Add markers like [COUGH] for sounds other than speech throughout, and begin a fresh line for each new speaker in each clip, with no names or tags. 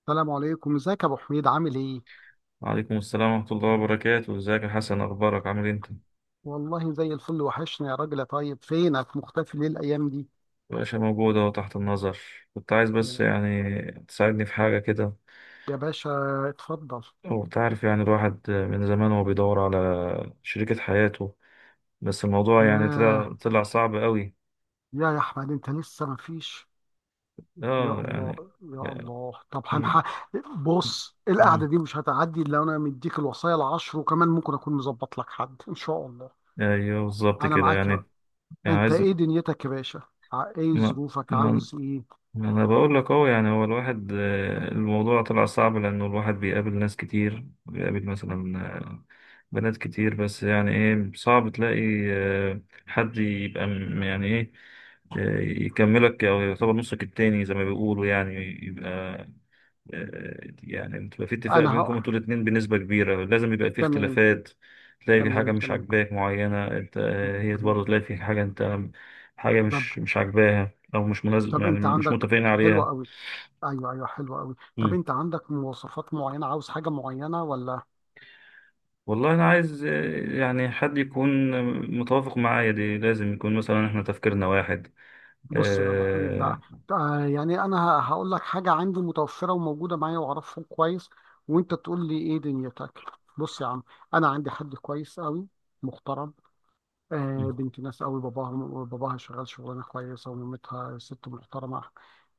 السلام عليكم، ازيك يا ابو حميد؟ عامل ايه؟
وعليكم السلام ورحمة الله وبركاته، ازيك يا حسن؟ اخبارك، عامل إيه انت؟
والله زي الفل. وحشنا يا راجل يا طيب، فينك مختفي ليه الايام دي؟
باشا موجود اهو تحت النظر. كنت عايز بس يعني تساعدني في حاجة كده.
يا باشا اتفضل.
هو أنت عارف يعني الواحد من زمان هو بيدور على شريكة حياته، بس الموضوع يعني
ياه،
طلع صعب قوي.
يا احمد، انت لسه ما فيش؟ يا
اه يعني،
الله يا
يعني،
الله، طب
م-
هنح... بص، القعده
م-
دي مش هتعدي الا انا مديك الوصايا العشر، وكمان ممكن اكون مظبط لك حد ان شاء الله.
ايوه بالظبط
انا
كده
معاك
يعني.
يا...
يعني
انت
عايز.
ايه دنيتك يا باشا؟ ايه
ما
ظروفك؟
ما
عاوز ايه؟
انا بقول لك اهو، يعني هو الواحد، الموضوع طلع صعب لانه الواحد بيقابل ناس كتير، بيقابل مثلا بنات كتير، بس يعني ايه صعب تلاقي آه، حد يبقى، يعني ايه، يكملك او يعتبر نصك التاني زي ما بيقولوا يعني، يبقى يعني بتبقى في اتفاق
انا
بينكم انتوا
ه...
الاتنين، بنسبة كبيرة لازم يبقى في
تمام
اختلافات، تلاقي في
تمام
حاجة مش
تمام.
عاجباك معينة انت، هي
مهم.
برضه تلاقي في حاجة انت، حاجة
طب،
مش عاجباها او مش مناسب،
طب
يعني
انت
مش
عندك،
متفقين
حلوة
عليها.
قوي. ايوه ايوه، حلوة قوي. طب
مم.
انت عندك مواصفات معينة؟ عاوز حاجة معينة ولا؟
والله انا عايز يعني حد يكون متوافق معايا، دي لازم يكون مثلا احنا تفكيرنا واحد
بص يا ابو حميد
آه،
بقى، آه يعني انا هقول لك حاجة عندي متوفرة وموجودة معايا واعرفها كويس، وانت تقول لي ايه دنيتك. بص يا عم، انا عندي حد كويس قوي، محترم، آه،
مم.
بنت ناس قوي. باباها شغال شغلانه كويسه، ومامتها ست محترمه.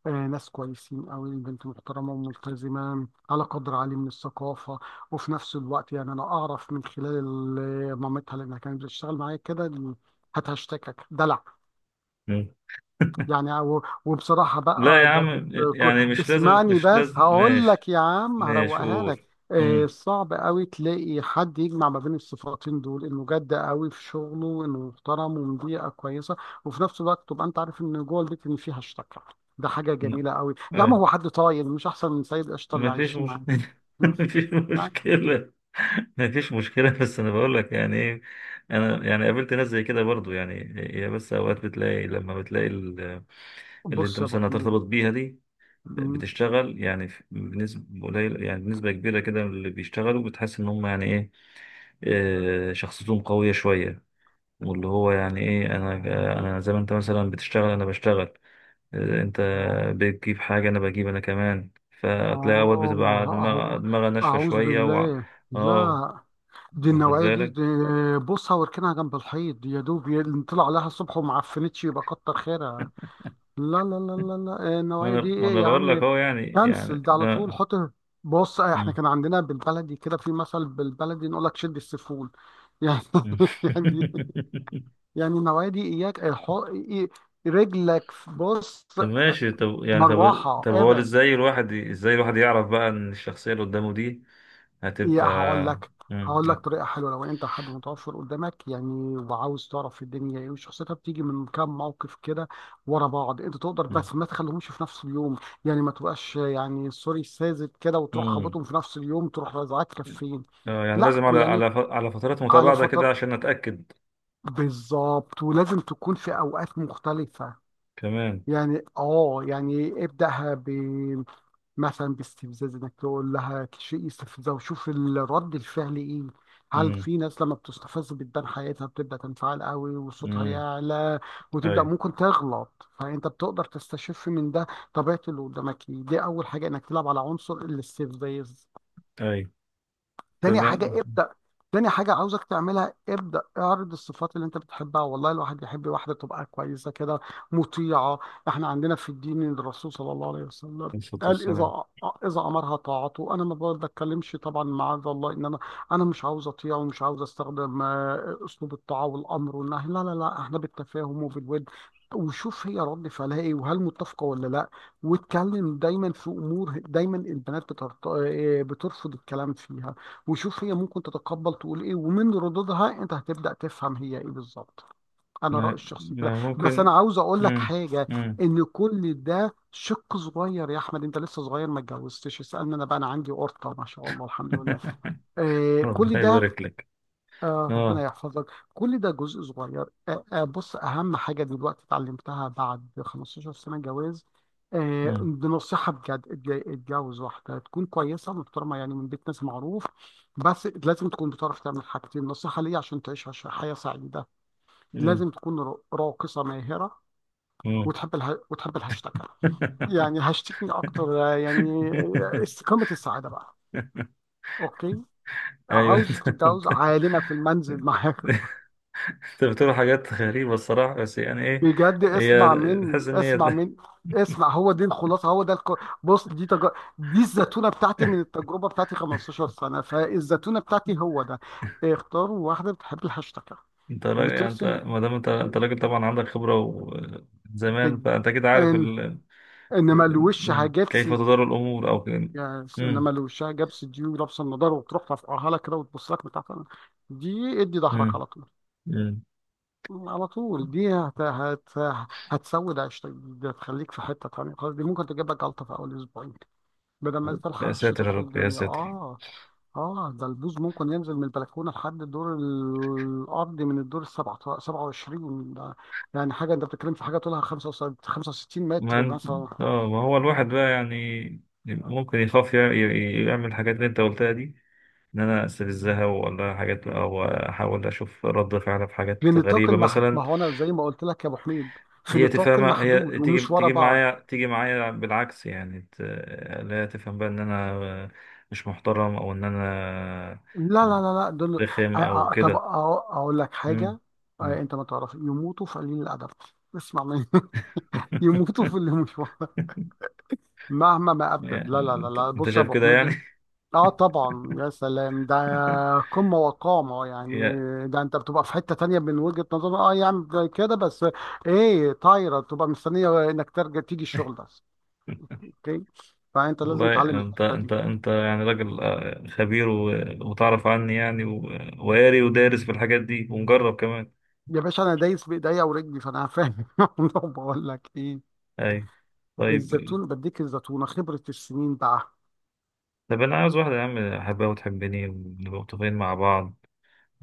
آه، ناس كويسين قوي. البنت محترمه وملتزمه على قدر عالي من الثقافه، وفي نفس الوقت يعني انا اعرف من خلال مامتها لانها كانت بتشتغل معايا كده. هات هشتكك دلع.
مم.
يعني وبصراحة
لا يا
بقى، ده كنت
عم، يعني مش لازم
اسمعني
مش
بس،
لازم،
هقول
ماشي.
لك يا عم
ماشي،
هروقها لك.
قول.
آه،
مم.
صعب قوي تلاقي حد يجمع ما بين الصفاتين دول، انه جد قوي في شغله وانه محترم ومن بيئة كويسة، وفي نفس الوقت تبقى انت عارف ان جوه البيت ان فيها اشتكى. ده حاجة جميلة قوي يا عم،
لا.
هو حد طايل؟ مش احسن من سيد قشطة اللي
ما فيش
عايشين معاه.
مشكلة [LAUGHS]
مم.
ما فيش
يعني
مشكلة. ما فيش مشكلة [LAUGHS] بس أنا بقول لك يعني إيه، أنا يعني قابلت ناس زي كده برضو يعني، هي بس أوقات بتلاقي، لما بتلاقي اللي أنت
بص يا ابو
مثلا هترتبط
حميد.
بيها دي،
مم.
بتشتغل يعني بنسبة قليلة، يعني بنسبة كبيرة كده، من اللي بيشتغلوا بتحس إن هم يعني إيه، شخصيتهم قوية شوية. واللي هو يعني إيه، أنا زي ما أنت مثلا بتشتغل أنا بشتغل، انت
اه
بتجيب حاجة انا بجيب، انا كمان. فتلاقي اوقات
اه،
بتبقى
اهو،
دماغها ناشفة
اعوذ
شوية و...
بالله لا.
اه،
دي
واخد
النوعية دي،
بالك.
دي بصها واركنها جنب الحيط. يا دوب طلع لها الصبح وما عفنتش يبقى كتر خيرها. لا لا لا لا لا، آه،
ما
النوعية دي
انا ما
ايه
انا
يا
بقول لك
عم؟
اهو، يعني
كنسل ده على طول.
لا.
حط بص، آه، احنا
مم.
كان عندنا بالبلدي كده في مثل، بالبلدي نقول لك شد السفول يعني
مم.
[LAUGHS] يعني، يعني النوعية دي اياك الحق رجلك بص.
[LAUGHS] طب ماشي، طب يعني طب
مروحة،
طب هو
ابعد.
ازاي الواحد، ازاي الواحد يعرف بقى ان الشخصية اللي قدامه دي
يا،
هتبقى.
هقول لك.
مم.
هقول لك طريقه حلوه، لو انت حد متوفر قدامك يعني وعاوز تعرف الدنيا ايه وشخصيتها، بتيجي من كام موقف كده ورا بعض انت تقدر،
مم.
بس ما تخليهمش في نفس اليوم. يعني ما تبقاش يعني سوري ساذج كده وتروح
مم.
خبطهم في نفس اليوم، تروح رازعاك كفين.
اه يعني
لا
لازم،
كو-
على
يعني
على ف- على فترات
على
متباعدة كده
فتر،
عشان اتأكد
بالظبط، ولازم تكون في اوقات مختلفه.
كمان.
يعني اه يعني ابدأها مثلا باستفزاز، انك تقول لها شيء يستفزها وشوف الرد الفعل ايه. هل
امم
في ناس لما بتستفز بتبان حياتها، بتبدا تنفعل قوي وصوتها
امم
يعلى وتبدا
اي
ممكن تغلط، فانت بتقدر تستشف من ده طبيعه اللي قدامك ايه. دي اول حاجه، انك تلعب على عنصر الاستفزاز.
اي،
تاني
تمام.
حاجة ابدأ، تاني حاجة عاوزك تعملها، ابدأ اعرض الصفات اللي انت بتحبها. والله الواحد يحب واحدة تبقى كويسة كده، مطيعة. احنا عندنا في الدين، إن الرسول صلى الله عليه وسلم
عليه الصلاة
قال:
والسلام.
إذا أمرها طاعته. أنا ما بتكلمش طبعا، معاذ الله، إن أنا، أنا مش عاوز أطيع ومش عاوز أستخدم أسلوب الطاعة والأمر والنهي. لا لا لا، إحنا بالتفاهم وبالود، وشوف هي رد فعلها إيه وهل متفقة ولا لا. واتكلم دايما في أمور دايما البنات بترت... بترفض الكلام فيها، وشوف هي ممكن تتقبل تقول ايه، ومن ردودها انت هتبدأ تفهم هي ايه بالظبط. انا رأيي
ما,
الشخصي كده.
ما
بس انا
ممكن.
عاوز اقول لك
مم.
حاجة،
مم.
ان كل ده شق صغير. يا احمد، انت لسه صغير ما اتجوزتش، اسألني انا بقى. انا عندي قرطة ما شاء الله الحمد لله،
[LAUGHS]
آه كل
ربنا
ده.
يبارك لك.
آه ربنا
اه.
يحفظك. كل ده جزء صغير. آه آه، بص، أهم حاجة دلوقتي اتعلمتها بعد 15 سنة جواز، آه،
مم.
دي نصيحة بجد: اتجوز واحدة تكون كويسة محترمة يعني من بيت ناس معروف، بس لازم تكون بتعرف تعمل حاجتين، نصيحة ليا، عشان تعيش حياة سعيدة.
مم.
لازم تكون راقصة ماهرة،
مم.
وتحب الها... وتحب الهاشتاج، يعني هاشتكني أكتر،
[LAUGHS]
يعني، استقامة السعادة بقى. أوكي،
ايوه
عاوز تتجوز
[LAUGHS] انت
عالمة في المنزل
انت
معاك.
أنت بتقول حاجات غريبة الصراحة، بس يعني ايه،
بجد
هي
اسمع مني،
تحس ان هي
اسمع مني.
[LAUGHS]
اسمع، هو دي الخلاصه، هو ده الك... بص دي تج... دي الزتونه بتاعتي من التجربه بتاعتي 15 سنه، فالزتونه بتاعتي هو ده: اختاروا واحده بتحب الهاشتاج،
انت راجل، يعني انت
بترسم،
ما دام انت راجل، طبعا عندك خبرة وزمان،
بج...
فانت كده عارف
ان،
ال...
انما الوشها
ال- كيف
جبسي.
تدار الامور او كده.
يعني انما
مم.
الوشها جبسي دي، ولابسه النضاره وتروح ترفعها لك كده وتبص لك بتاعت، دي ادي ظهرك على طول.
مم.
على طول دي هت... هت... هتسود عيشتك، دي هتخليك في حته تانيه خالص، دي ممكن تجيب لك جلطه في اول اسبوعين بدل ما
يا
تلحق
ساتر
الشتاء
يا
تدخل
رب يا
الدنيا.
ساتر.
اه، اه، ده البوز ممكن ينزل من البلكونه لحد الدور الارضي من الدور السبعة 27 ده. يعني حاجه، انت بتتكلم في حاجه طولها 65
ما
متر
انت،
مثلا.
اه، ما هو الواحد بقى يعني، يبقى ممكن يخاف يعمل الحاجات اللي انت قلتها دي، ان انا استفزها ولا حاجات، او احاول اشوف رد فعلها في حاجات
لنطاق
غريبه
المح... ما
مثلا.
هو انا زي ما قلت لك يا ابو حميد، في
هي
نطاق
تفهمها، هي
المحدود
تيجي
ومش ورا
تيجي
بعض.
معايا، تيجي معايا بالعكس يعني لا، تفهم بقى ان انا مش محترم او ان انا
لا لا لا لا دول،
رخم
آه
او
آه، طب
كده.
آه اقول لك
مم.
حاجه، آه
مم.
انت ما تعرف، يموتوا في قليل الادب. اسمع مني [LAUGHS] يموتوا في
[LAUGHS]
اللي مش ورا. مهما ما ابدد،
يعني
لا لا لا
انت
لا،
انت
بص يا
شايف
ابو
كده يعني.
حميد، اه طبعا، يا سلام، ده قمة وقامة
[LAUGHS]
يعني،
يا
ده انت بتبقى في حتة تانية من وجهة نظر. اه يا عم، ده كده بس ايه؟ طايرة تبقى مستنية انك ترجع تيجي الشغل بس. اوكي، فانت لازم تعلم
والله، انت
الحتة دي.
انت انت يعني راجل، خبير، وتعرف عني يعني، وقاري ودارس في الحاجات دي ومجرب كمان.
يا باشا انا دايس بايديا ورجلي فانا فاهم [LAUGHS] بقول لك ايه،
اي. طيب
الزيتون بديك الزيتونة، خبرة السنين بقى.
طب انا عاوز واحده يا عم، احبها وتحبني ونبقى متفقين مع بعض.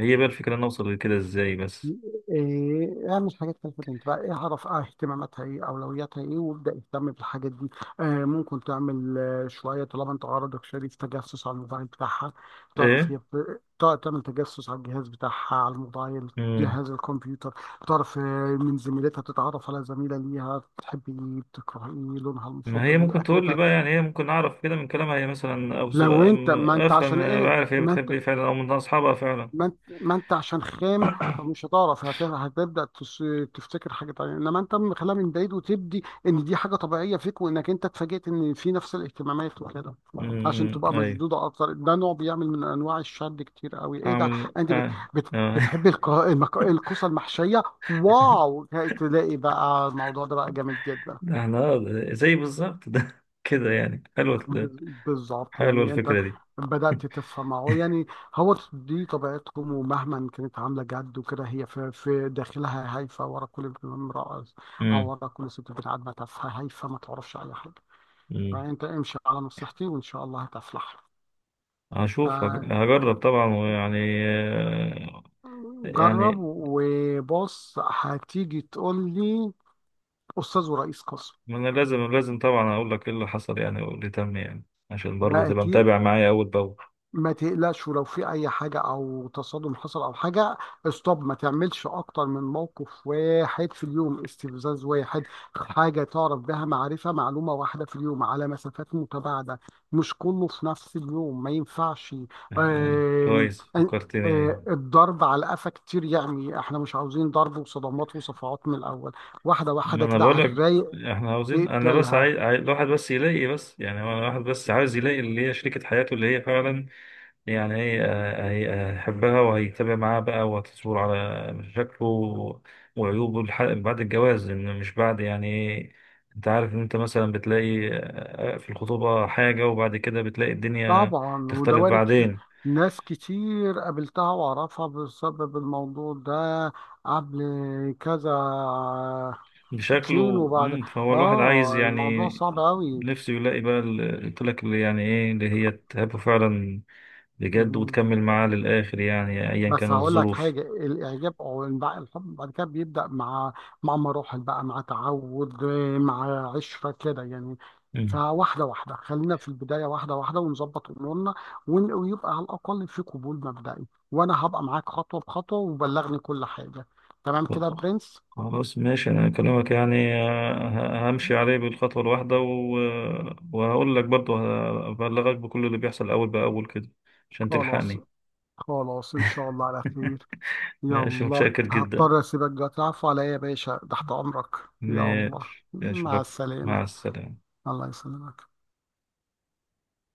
هي بقى الفكره نوصل لكده ازاي بس؟
إيه، اعمل حاجات تلفت انتباه. إيه، اعرف اهتماماتها ايه، اولوياتها ايه، وابدا اهتم بالحاجات دي. آه ممكن تعمل آه شويه، طالما انت عرضك شريف، تجسس على الموبايل بتاعها. تعرف
ايه.
هي تعمل تجسس على الجهاز بتاعها، على الموبايل،
امم.
جهاز الكمبيوتر. تعرف من زميلتها، تتعرف على زميلة ليها، بتحب ايه، بتكره ايه، لونها
ما هي
المفضل ايه،
ممكن تقول لي
اكلتها.
بقى، يعني هي ممكن اعرف كده من كلامها هي مثلا، او
لو انت، ما انت
افهم،
عشان
أبقى
ايه
عارف هي
ما انت
بتحب ايه فعلا، او من اصحابها فعلا.
ما انت ما انت عشان خام فمش هتعرف هتبدا تفتكر حاجه تانية. انما انت مخليها من بعيد وتبدي ان دي حاجه طبيعيه فيك، وانك انت اتفاجئت ان في نفس الاهتمامات وكده،
امم.
عشان تبقى
ايوه.
مشدوده اكتر. ده نوع بيعمل من انواع الشد كتير قوي. ايه ده،
اعمل
انت بت
اه,
بت
آه.
بتحبي الكوسه المحشيه؟
[LAUGHS]
واو. تلاقي بقى الموضوع ده بقى جامد جدا.
ده احنا، زي بالظبط ده [LAUGHS] كده، يعني حلوة.
بز- بالظبط،
حلوة
يعني انت
الفكرة دي.
بدأت تفهم اهو يعني. هو دي طبيعتهم، ومهما كانت عاملة جد وكده، هي في، في داخلها هايفة. ورا كل امرأة او
امم.
ورا كل ست بنت، عادمة تافهة هايفة ما تعرفش اي حاجة.
امم.
فانت امشي على نصيحتي وان شاء الله هتفلح.
هشوف، هجرب طبعا ويعني، آه،
فجرب
يعني،
وبص هتيجي تقول لي: استاذ ورئيس قسم.
ما انا لازم لازم طبعا اقول لك ايه اللي حصل يعني، واللي تم يعني، عشان برضه
ده
تبقى متابع
اكيد.
معايا اول باول
ما تقلقش، ولو في اي حاجه او تصادم حصل او حاجه، استوب. ما تعملش اكتر من موقف واحد في اليوم، استفزاز واحد، حاجه تعرف بها معرفه، معلومه واحده في اليوم، على مسافات متباعده، مش كله في نفس اليوم ما ينفعش.
يعني.
آم،
كويس
آم،
فكرتني يعني.
الضرب على قفا كتير، يعني احنا مش عاوزين ضرب وصدمات وصفعات من الاول. واحده
ما
واحده
انا
كده
بقول
على
لك
الرايق
احنا عاوزين، انا بس عايز
تقتلها.
الواحد بس يلاقي، بس يعني هو الواحد بس عايز يلاقي اللي هي شريكة حياته، اللي هي فعلا يعني هي، هيحبها وهيتابع معاها بقى، وهتصبر على مشاكله وعيوبه، بعد الجواز، إن مش بعد، يعني إيه، انت عارف ان انت مثلا بتلاقي في الخطوبة حاجة، وبعد كده بتلاقي الدنيا
طبعا،
تختلف
ودواري كتير،
بعدين
ناس كتير قابلتها وأعرفها بسبب الموضوع ده، قبل، كذا، فين،
بشكله
وبعد،
مم، فهو الواحد عايز،
آه الموضوع
يعني
صعب أوي.
نفسه يلاقي بقى، قلت لك اللي يعني ايه، اللي هي تحبه فعلا بجد، وتكمل معاه للآخر، يعني ايا
بس
كانت
هقول لك
الظروف.
حاجة، الإعجاب أو الحب بعد كده بيبدأ مع، مع مراحل بقى، مع تعود، مع عشرة كده يعني. فواحدة واحدة خلينا في البداية، واحدة واحدة ونظبط أمورنا ويبقى على الأقل في قبول مبدئي، وأنا هبقى معاك خطوة بخطوة. وبلغني كل حاجة، تمام كده يا
خ-
برنس؟
خلاص ماشي، انا اكلمك يعني، همشي عليه بالخطوة الواحدة و... وهقول لك برضه، هبلغك بكل اللي بيحصل اول باول كده عشان
خلاص،
تلحقني.
خلاص إن شاء الله على خير.
[LAUGHS] ماشي،
يلا
متشكر جدا.
هضطر أسيبك دلوقتي، عفو عليا يا باشا، تحت أمرك. يلا،
ماشي،
مع
اشوفك.
السلامة.
مع السلامة.
الله يسلمك.